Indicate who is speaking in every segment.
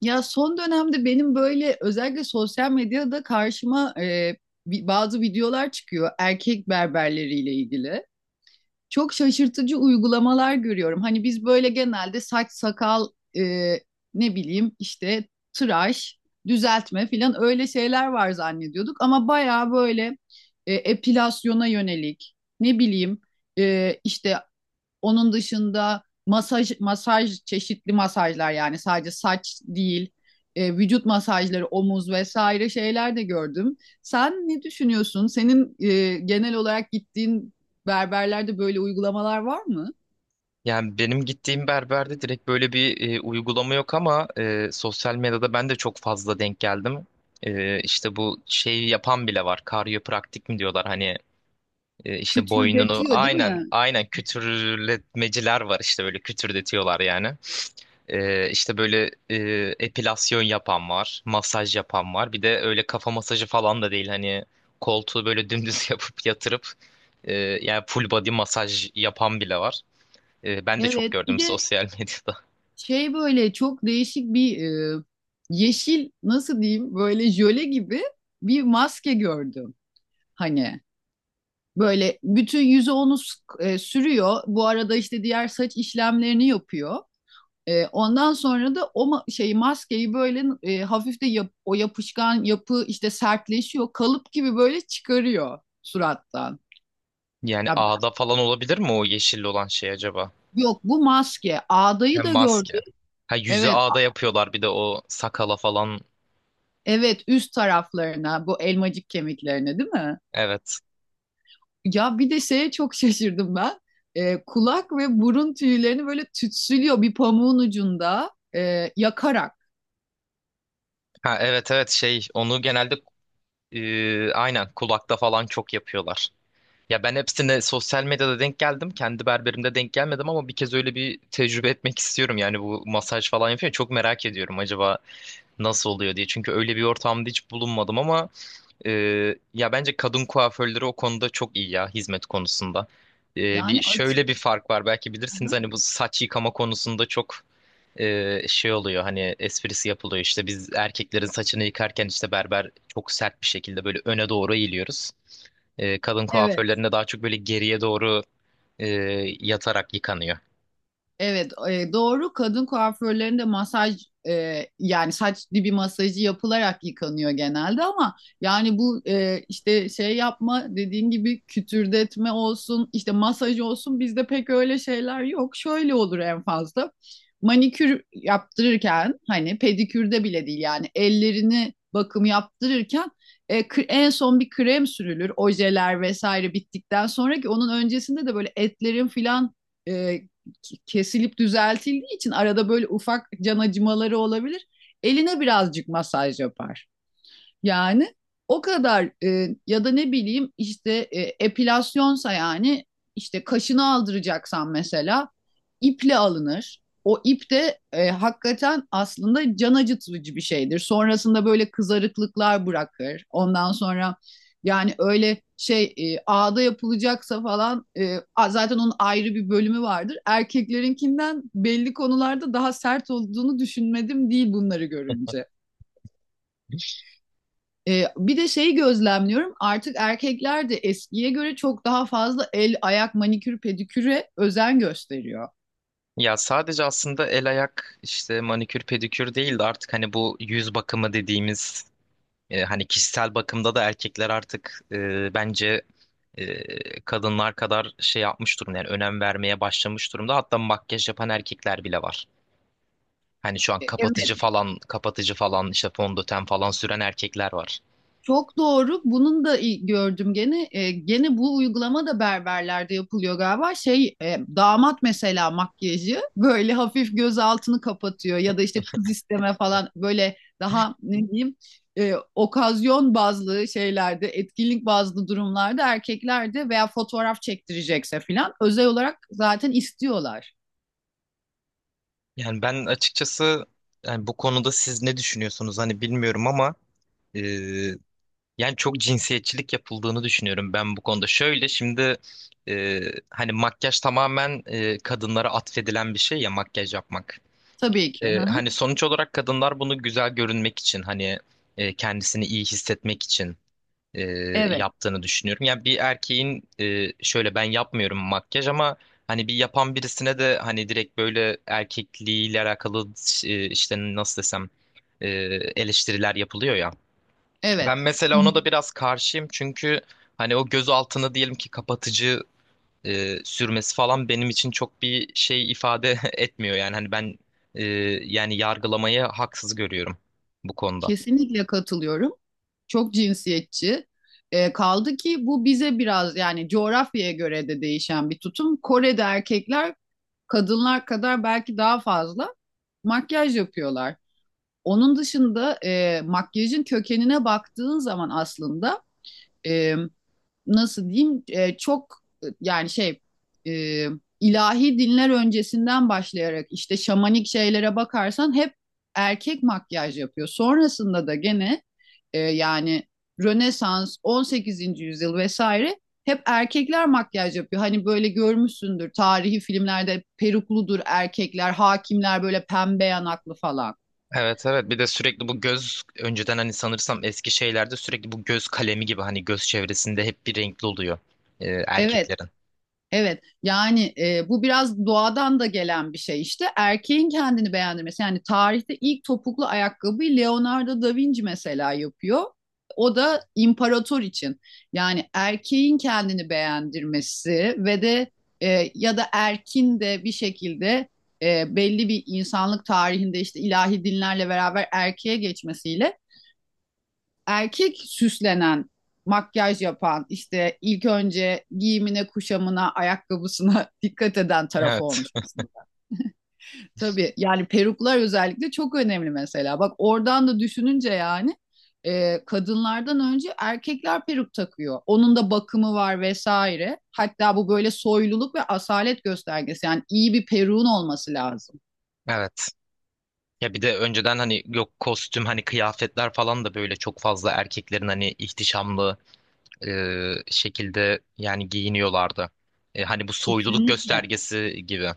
Speaker 1: Ya son dönemde benim böyle özellikle sosyal medyada karşıma bazı videolar çıkıyor erkek berberleriyle ilgili. Çok şaşırtıcı uygulamalar görüyorum. Hani biz böyle genelde saç sakal e, ne bileyim işte tıraş, düzeltme filan öyle şeyler var zannediyorduk. Ama bayağı böyle epilasyona yönelik ne bileyim işte onun dışında masaj çeşitli masajlar, yani sadece saç değil, vücut masajları, omuz vesaire şeyler de gördüm. Sen ne düşünüyorsun? Senin genel olarak gittiğin berberlerde böyle uygulamalar var mı?
Speaker 2: Yani benim gittiğim berberde direkt böyle bir uygulama yok ama sosyal medyada ben de çok fazla denk geldim. İşte bu şeyi yapan bile var. Karyopraktik mi diyorlar hani işte boynunu
Speaker 1: Kütürdetiyor değil
Speaker 2: aynen
Speaker 1: mi?
Speaker 2: aynen kütürletmeciler var işte böyle kütürdetiyorlar yani. İşte böyle epilasyon yapan var, masaj yapan var. Bir de öyle kafa masajı falan da değil hani koltuğu böyle dümdüz yapıp yatırıp e, yani full body masaj yapan bile var. Ben de çok
Speaker 1: Evet. Bir
Speaker 2: gördüm
Speaker 1: de
Speaker 2: sosyal medyada.
Speaker 1: böyle çok değişik bir, e, yeşil, nasıl diyeyim, böyle jöle gibi bir maske gördüm. Hani böyle bütün yüzü onu sürüyor. Bu arada işte diğer saç işlemlerini yapıyor. Ondan sonra da o maskeyi böyle hafif o yapışkan yapı işte sertleşiyor. Kalıp gibi böyle çıkarıyor surattan.
Speaker 2: Yani
Speaker 1: Ya,
Speaker 2: ağda falan olabilir mi o yeşil olan şey acaba?
Speaker 1: yok, bu maske. Ağdayı
Speaker 2: Hem
Speaker 1: da
Speaker 2: maske.
Speaker 1: gördüm.
Speaker 2: Ha, yüzü
Speaker 1: Evet,
Speaker 2: ağda yapıyorlar bir de o sakala falan.
Speaker 1: evet, üst taraflarına, bu elmacık kemiklerine, değil mi?
Speaker 2: Evet.
Speaker 1: Ya bir de şeye çok şaşırdım ben. Kulak ve burun tüylerini böyle tütsülüyor bir pamuğun ucunda, yakarak.
Speaker 2: Ha, evet evet, şey onu genelde aynen kulakta falan çok yapıyorlar. Ya ben hepsine sosyal medyada denk geldim. Kendi berberimde denk gelmedim ama bir kez öyle bir tecrübe etmek istiyorum. Yani bu masaj falan yapıyor. Çok merak ediyorum acaba nasıl oluyor diye. Çünkü öyle bir ortamda hiç bulunmadım ama ya bence kadın kuaförleri o konuda çok iyi ya, hizmet konusunda.
Speaker 1: Yani
Speaker 2: Bir
Speaker 1: açık.
Speaker 2: şöyle bir fark var, belki bilirsiniz
Speaker 1: Hı.
Speaker 2: hani, bu saç yıkama konusunda çok şey oluyor, hani esprisi yapılıyor işte, biz erkeklerin saçını yıkarken işte berber çok sert bir şekilde böyle öne doğru eğiliyoruz. Kadın
Speaker 1: Evet.
Speaker 2: kuaförlerinde daha çok böyle geriye doğru e, yatarak yıkanıyor.
Speaker 1: Evet, doğru. Kadın kuaförlerinde masaj, yani saç dibi masajı yapılarak yıkanıyor genelde, ama yani bu işte şey yapma, dediğin gibi kütürdetme olsun, işte masaj olsun, bizde pek öyle şeyler yok. Şöyle olur en fazla. Manikür yaptırırken, hani pedikürde bile değil, yani ellerini bakım yaptırırken en son bir krem sürülür. Ojeler vesaire bittikten sonra, ki onun öncesinde de böyle etlerin filan e, kesilip düzeltildiği için arada böyle ufak can acımaları olabilir. Eline birazcık masaj yapar. Yani o kadar. Ya da ne bileyim işte, epilasyonsa, yani işte kaşını aldıracaksan mesela iple alınır. O ip de hakikaten aslında can acıtıcı bir şeydir. Sonrasında böyle kızarıklıklar bırakır. Ondan sonra yani öyle şey, ağda yapılacaksa falan, zaten onun ayrı bir bölümü vardır. Erkeklerinkinden belli konularda daha sert olduğunu düşünmedim değil bunları görünce. Bir de şeyi gözlemliyorum, artık erkekler de eskiye göre çok daha fazla el, ayak, manikür, pediküre özen gösteriyor.
Speaker 2: Ya sadece aslında el ayak işte manikür pedikür değil de, artık hani bu yüz bakımı dediğimiz... Hani kişisel bakımda da erkekler artık, bence kadınlar kadar şey yapmış durumda, yani önem vermeye başlamış durumda. Hatta makyaj yapan erkekler bile var. Hani şu an kapatıcı
Speaker 1: Evet.
Speaker 2: falan, kapatıcı falan, işte fondöten falan süren erkekler var.
Speaker 1: Çok doğru. Bunun da gördüm gene. Gene bu uygulama da berberlerde yapılıyor galiba. Şey, damat mesela, makyajı böyle hafif göz altını kapatıyor, ya da işte kız isteme falan, böyle daha ne diyeyim, okazyon bazlı şeylerde, etkinlik bazlı durumlarda erkeklerde, veya fotoğraf çektirecekse falan, özel olarak zaten istiyorlar.
Speaker 2: Yani ben açıkçası, yani bu konuda siz ne düşünüyorsunuz hani bilmiyorum ama e, yani çok cinsiyetçilik yapıldığını düşünüyorum ben bu konuda. Şöyle şimdi, e, hani makyaj tamamen kadınlara atfedilen bir şey ya, makyaj yapmak.
Speaker 1: Tabii ki. Hı hı.
Speaker 2: Hani sonuç olarak kadınlar bunu güzel görünmek için hani, kendisini iyi hissetmek için e,
Speaker 1: Evet.
Speaker 2: yaptığını düşünüyorum. Yani bir erkeğin şöyle, ben yapmıyorum makyaj, ama hani bir yapan birisine de hani direkt böyle erkekliğiyle alakalı işte nasıl desem e, eleştiriler yapılıyor ya. Ben
Speaker 1: Evet.
Speaker 2: mesela ona da biraz karşıyım çünkü hani o göz altını diyelim ki kapatıcı sürmesi falan benim için çok bir şey ifade etmiyor yani, hani ben e, yani yargılamayı haksız görüyorum bu konuda.
Speaker 1: Kesinlikle katılıyorum. Çok cinsiyetçi. Kaldı ki bu bize biraz, yani coğrafyaya göre de değişen bir tutum. Kore'de erkekler, kadınlar kadar, belki daha fazla makyaj yapıyorlar. Onun dışında makyajın kökenine baktığın zaman, aslında e, nasıl diyeyim, e, çok e, yani şey e, ilahi dinler öncesinden başlayarak işte şamanik şeylere bakarsan hep erkek makyaj yapıyor. Sonrasında da gene yani Rönesans, 18. yüzyıl vesaire hep erkekler makyaj yapıyor. Hani böyle görmüşsündür, tarihi filmlerde perukludur erkekler, hakimler böyle pembe yanaklı falan.
Speaker 2: Evet evet, bir de sürekli bu göz, önceden hani sanırsam eski şeylerde sürekli bu göz kalemi gibi hani göz çevresinde hep bir renkli oluyor
Speaker 1: Evet.
Speaker 2: erkeklerin.
Speaker 1: Evet, yani bu biraz doğadan da gelen bir şey, işte erkeğin kendini beğendirmesi. Yani tarihte ilk topuklu ayakkabıyı Leonardo da Vinci mesela yapıyor, o da imparator için. Yani erkeğin kendini beğendirmesi ve de ya da erkin de bir şekilde belli bir insanlık tarihinde, işte ilahi dinlerle beraber erkeğe geçmesiyle erkek süslenen, makyaj yapan, işte ilk önce giyimine, kuşamına, ayakkabısına dikkat eden taraf
Speaker 2: Evet
Speaker 1: olmuş aslında. Tabii, yani peruklar özellikle çok önemli mesela. Bak oradan da düşününce, yani kadınlardan önce erkekler peruk takıyor. Onun da bakımı var vesaire. Hatta bu böyle soyluluk ve asalet göstergesi. Yani iyi bir peruğun olması lazım.
Speaker 2: evet. Ya bir de önceden hani yok kostüm, hani kıyafetler falan da böyle çok fazla erkeklerin hani ihtişamlı e, şekilde yani giyiniyorlardı. Hani bu soyluluk
Speaker 1: Kesinlikle.
Speaker 2: göstergesi gibi.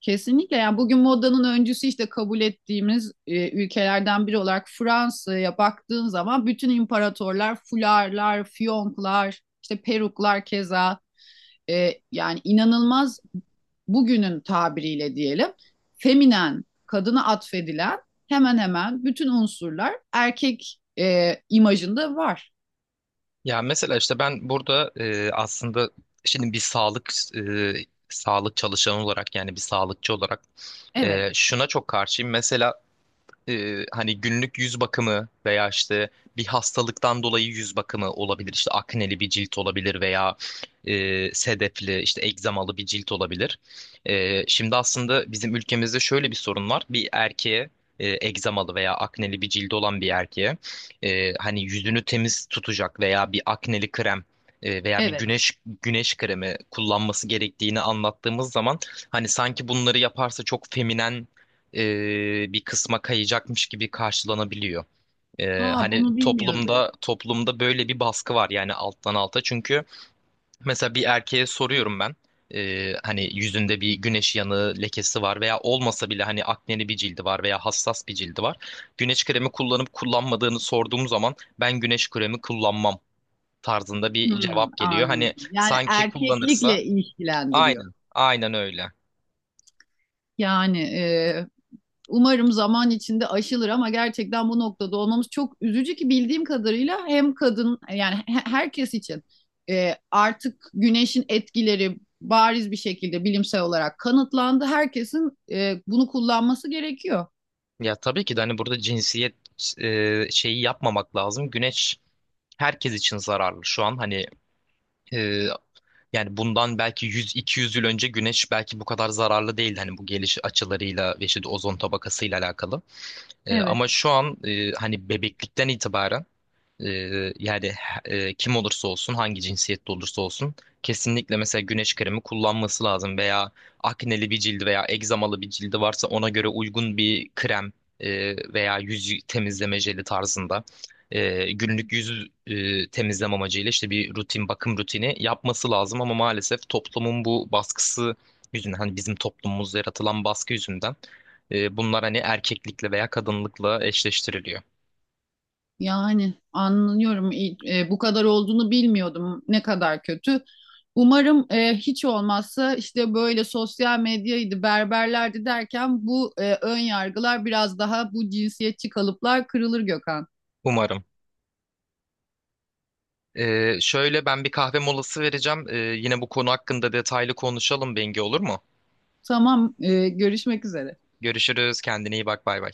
Speaker 1: Kesinlikle, yani bugün modanın öncüsü işte kabul ettiğimiz ülkelerden biri olarak Fransa'ya baktığın zaman, bütün imparatorlar fularlar, fiyonklar, işte peruklar, keza yani inanılmaz, bugünün tabiriyle diyelim feminen, kadına atfedilen hemen hemen bütün unsurlar erkek imajında var.
Speaker 2: Ya mesela işte ben burada aslında şimdi bir sağlık, e, sağlık çalışanı olarak, yani bir sağlıkçı olarak
Speaker 1: Evet,
Speaker 2: şuna çok karşıyım. Mesela hani günlük yüz bakımı veya işte bir hastalıktan dolayı yüz bakımı olabilir. İşte akneli bir cilt olabilir veya sedefli işte egzamalı bir cilt olabilir. Şimdi aslında bizim ülkemizde şöyle bir sorun var. Bir erkeğe egzamalı veya akneli bir cildi olan bir erkeğe hani yüzünü temiz tutacak veya bir akneli krem veya bir
Speaker 1: evet.
Speaker 2: güneş kremi kullanması gerektiğini anlattığımız zaman hani sanki bunları yaparsa çok feminen bir kısma kayacakmış gibi karşılanabiliyor.
Speaker 1: Aa,
Speaker 2: Hani
Speaker 1: bunu bilmiyordum.
Speaker 2: toplumda böyle bir baskı var yani alttan alta. Çünkü mesela bir erkeğe soruyorum ben. Hani yüzünde bir güneş yanığı lekesi var veya olmasa bile hani akneli bir cildi var veya hassas bir cildi var. Güneş kremi kullanıp kullanmadığını sorduğum zaman, "Ben güneş kremi kullanmam" tarzında bir
Speaker 1: Hmm,
Speaker 2: cevap geliyor. Hani
Speaker 1: anladım. Yani
Speaker 2: sanki
Speaker 1: erkeklikle
Speaker 2: kullanırsa...
Speaker 1: ilişkilendiriyor.
Speaker 2: aynen aynen öyle.
Speaker 1: Yani umarım zaman içinde aşılır, ama gerçekten bu noktada olmamız çok üzücü, ki bildiğim kadarıyla hem kadın, yani herkes için, artık güneşin etkileri bariz bir şekilde bilimsel olarak kanıtlandı. Herkesin bunu kullanması gerekiyor.
Speaker 2: Ya tabii ki de hani burada cinsiyet şeyi yapmamak lazım. Güneş herkes için zararlı şu an. Hani e, yani bundan belki 100-200 yıl önce güneş belki bu kadar zararlı değildi. Hani bu geliş açılarıyla ve işte ozon tabakasıyla alakalı.
Speaker 1: Evet.
Speaker 2: Ama şu an hani bebeklikten itibaren yani kim olursa olsun hangi cinsiyette olursa olsun kesinlikle mesela güneş kremi kullanması lazım, veya akneli bir cildi veya egzamalı bir cildi varsa ona göre uygun bir krem veya yüz temizleme jeli tarzında günlük yüz temizleme amacıyla işte bir rutin, bakım rutini yapması lazım. Ama maalesef toplumun bu baskısı yüzünden, hani bizim toplumumuzda yaratılan baskı yüzünden bunlar hani erkeklikle veya kadınlıkla eşleştiriliyor.
Speaker 1: Yani anlıyorum. Bu kadar olduğunu bilmiyordum. Ne kadar kötü. Umarım hiç olmazsa, işte böyle sosyal medyaydı, berberlerdi derken, bu ön yargılar, biraz daha bu cinsiyetçi kalıplar kırılır Gökhan.
Speaker 2: Umarım. Şöyle, ben bir kahve molası vereceğim. Yine bu konu hakkında detaylı konuşalım Bengi, olur mu?
Speaker 1: Tamam, görüşmek üzere.
Speaker 2: Görüşürüz. Kendine iyi bak. Bay bay.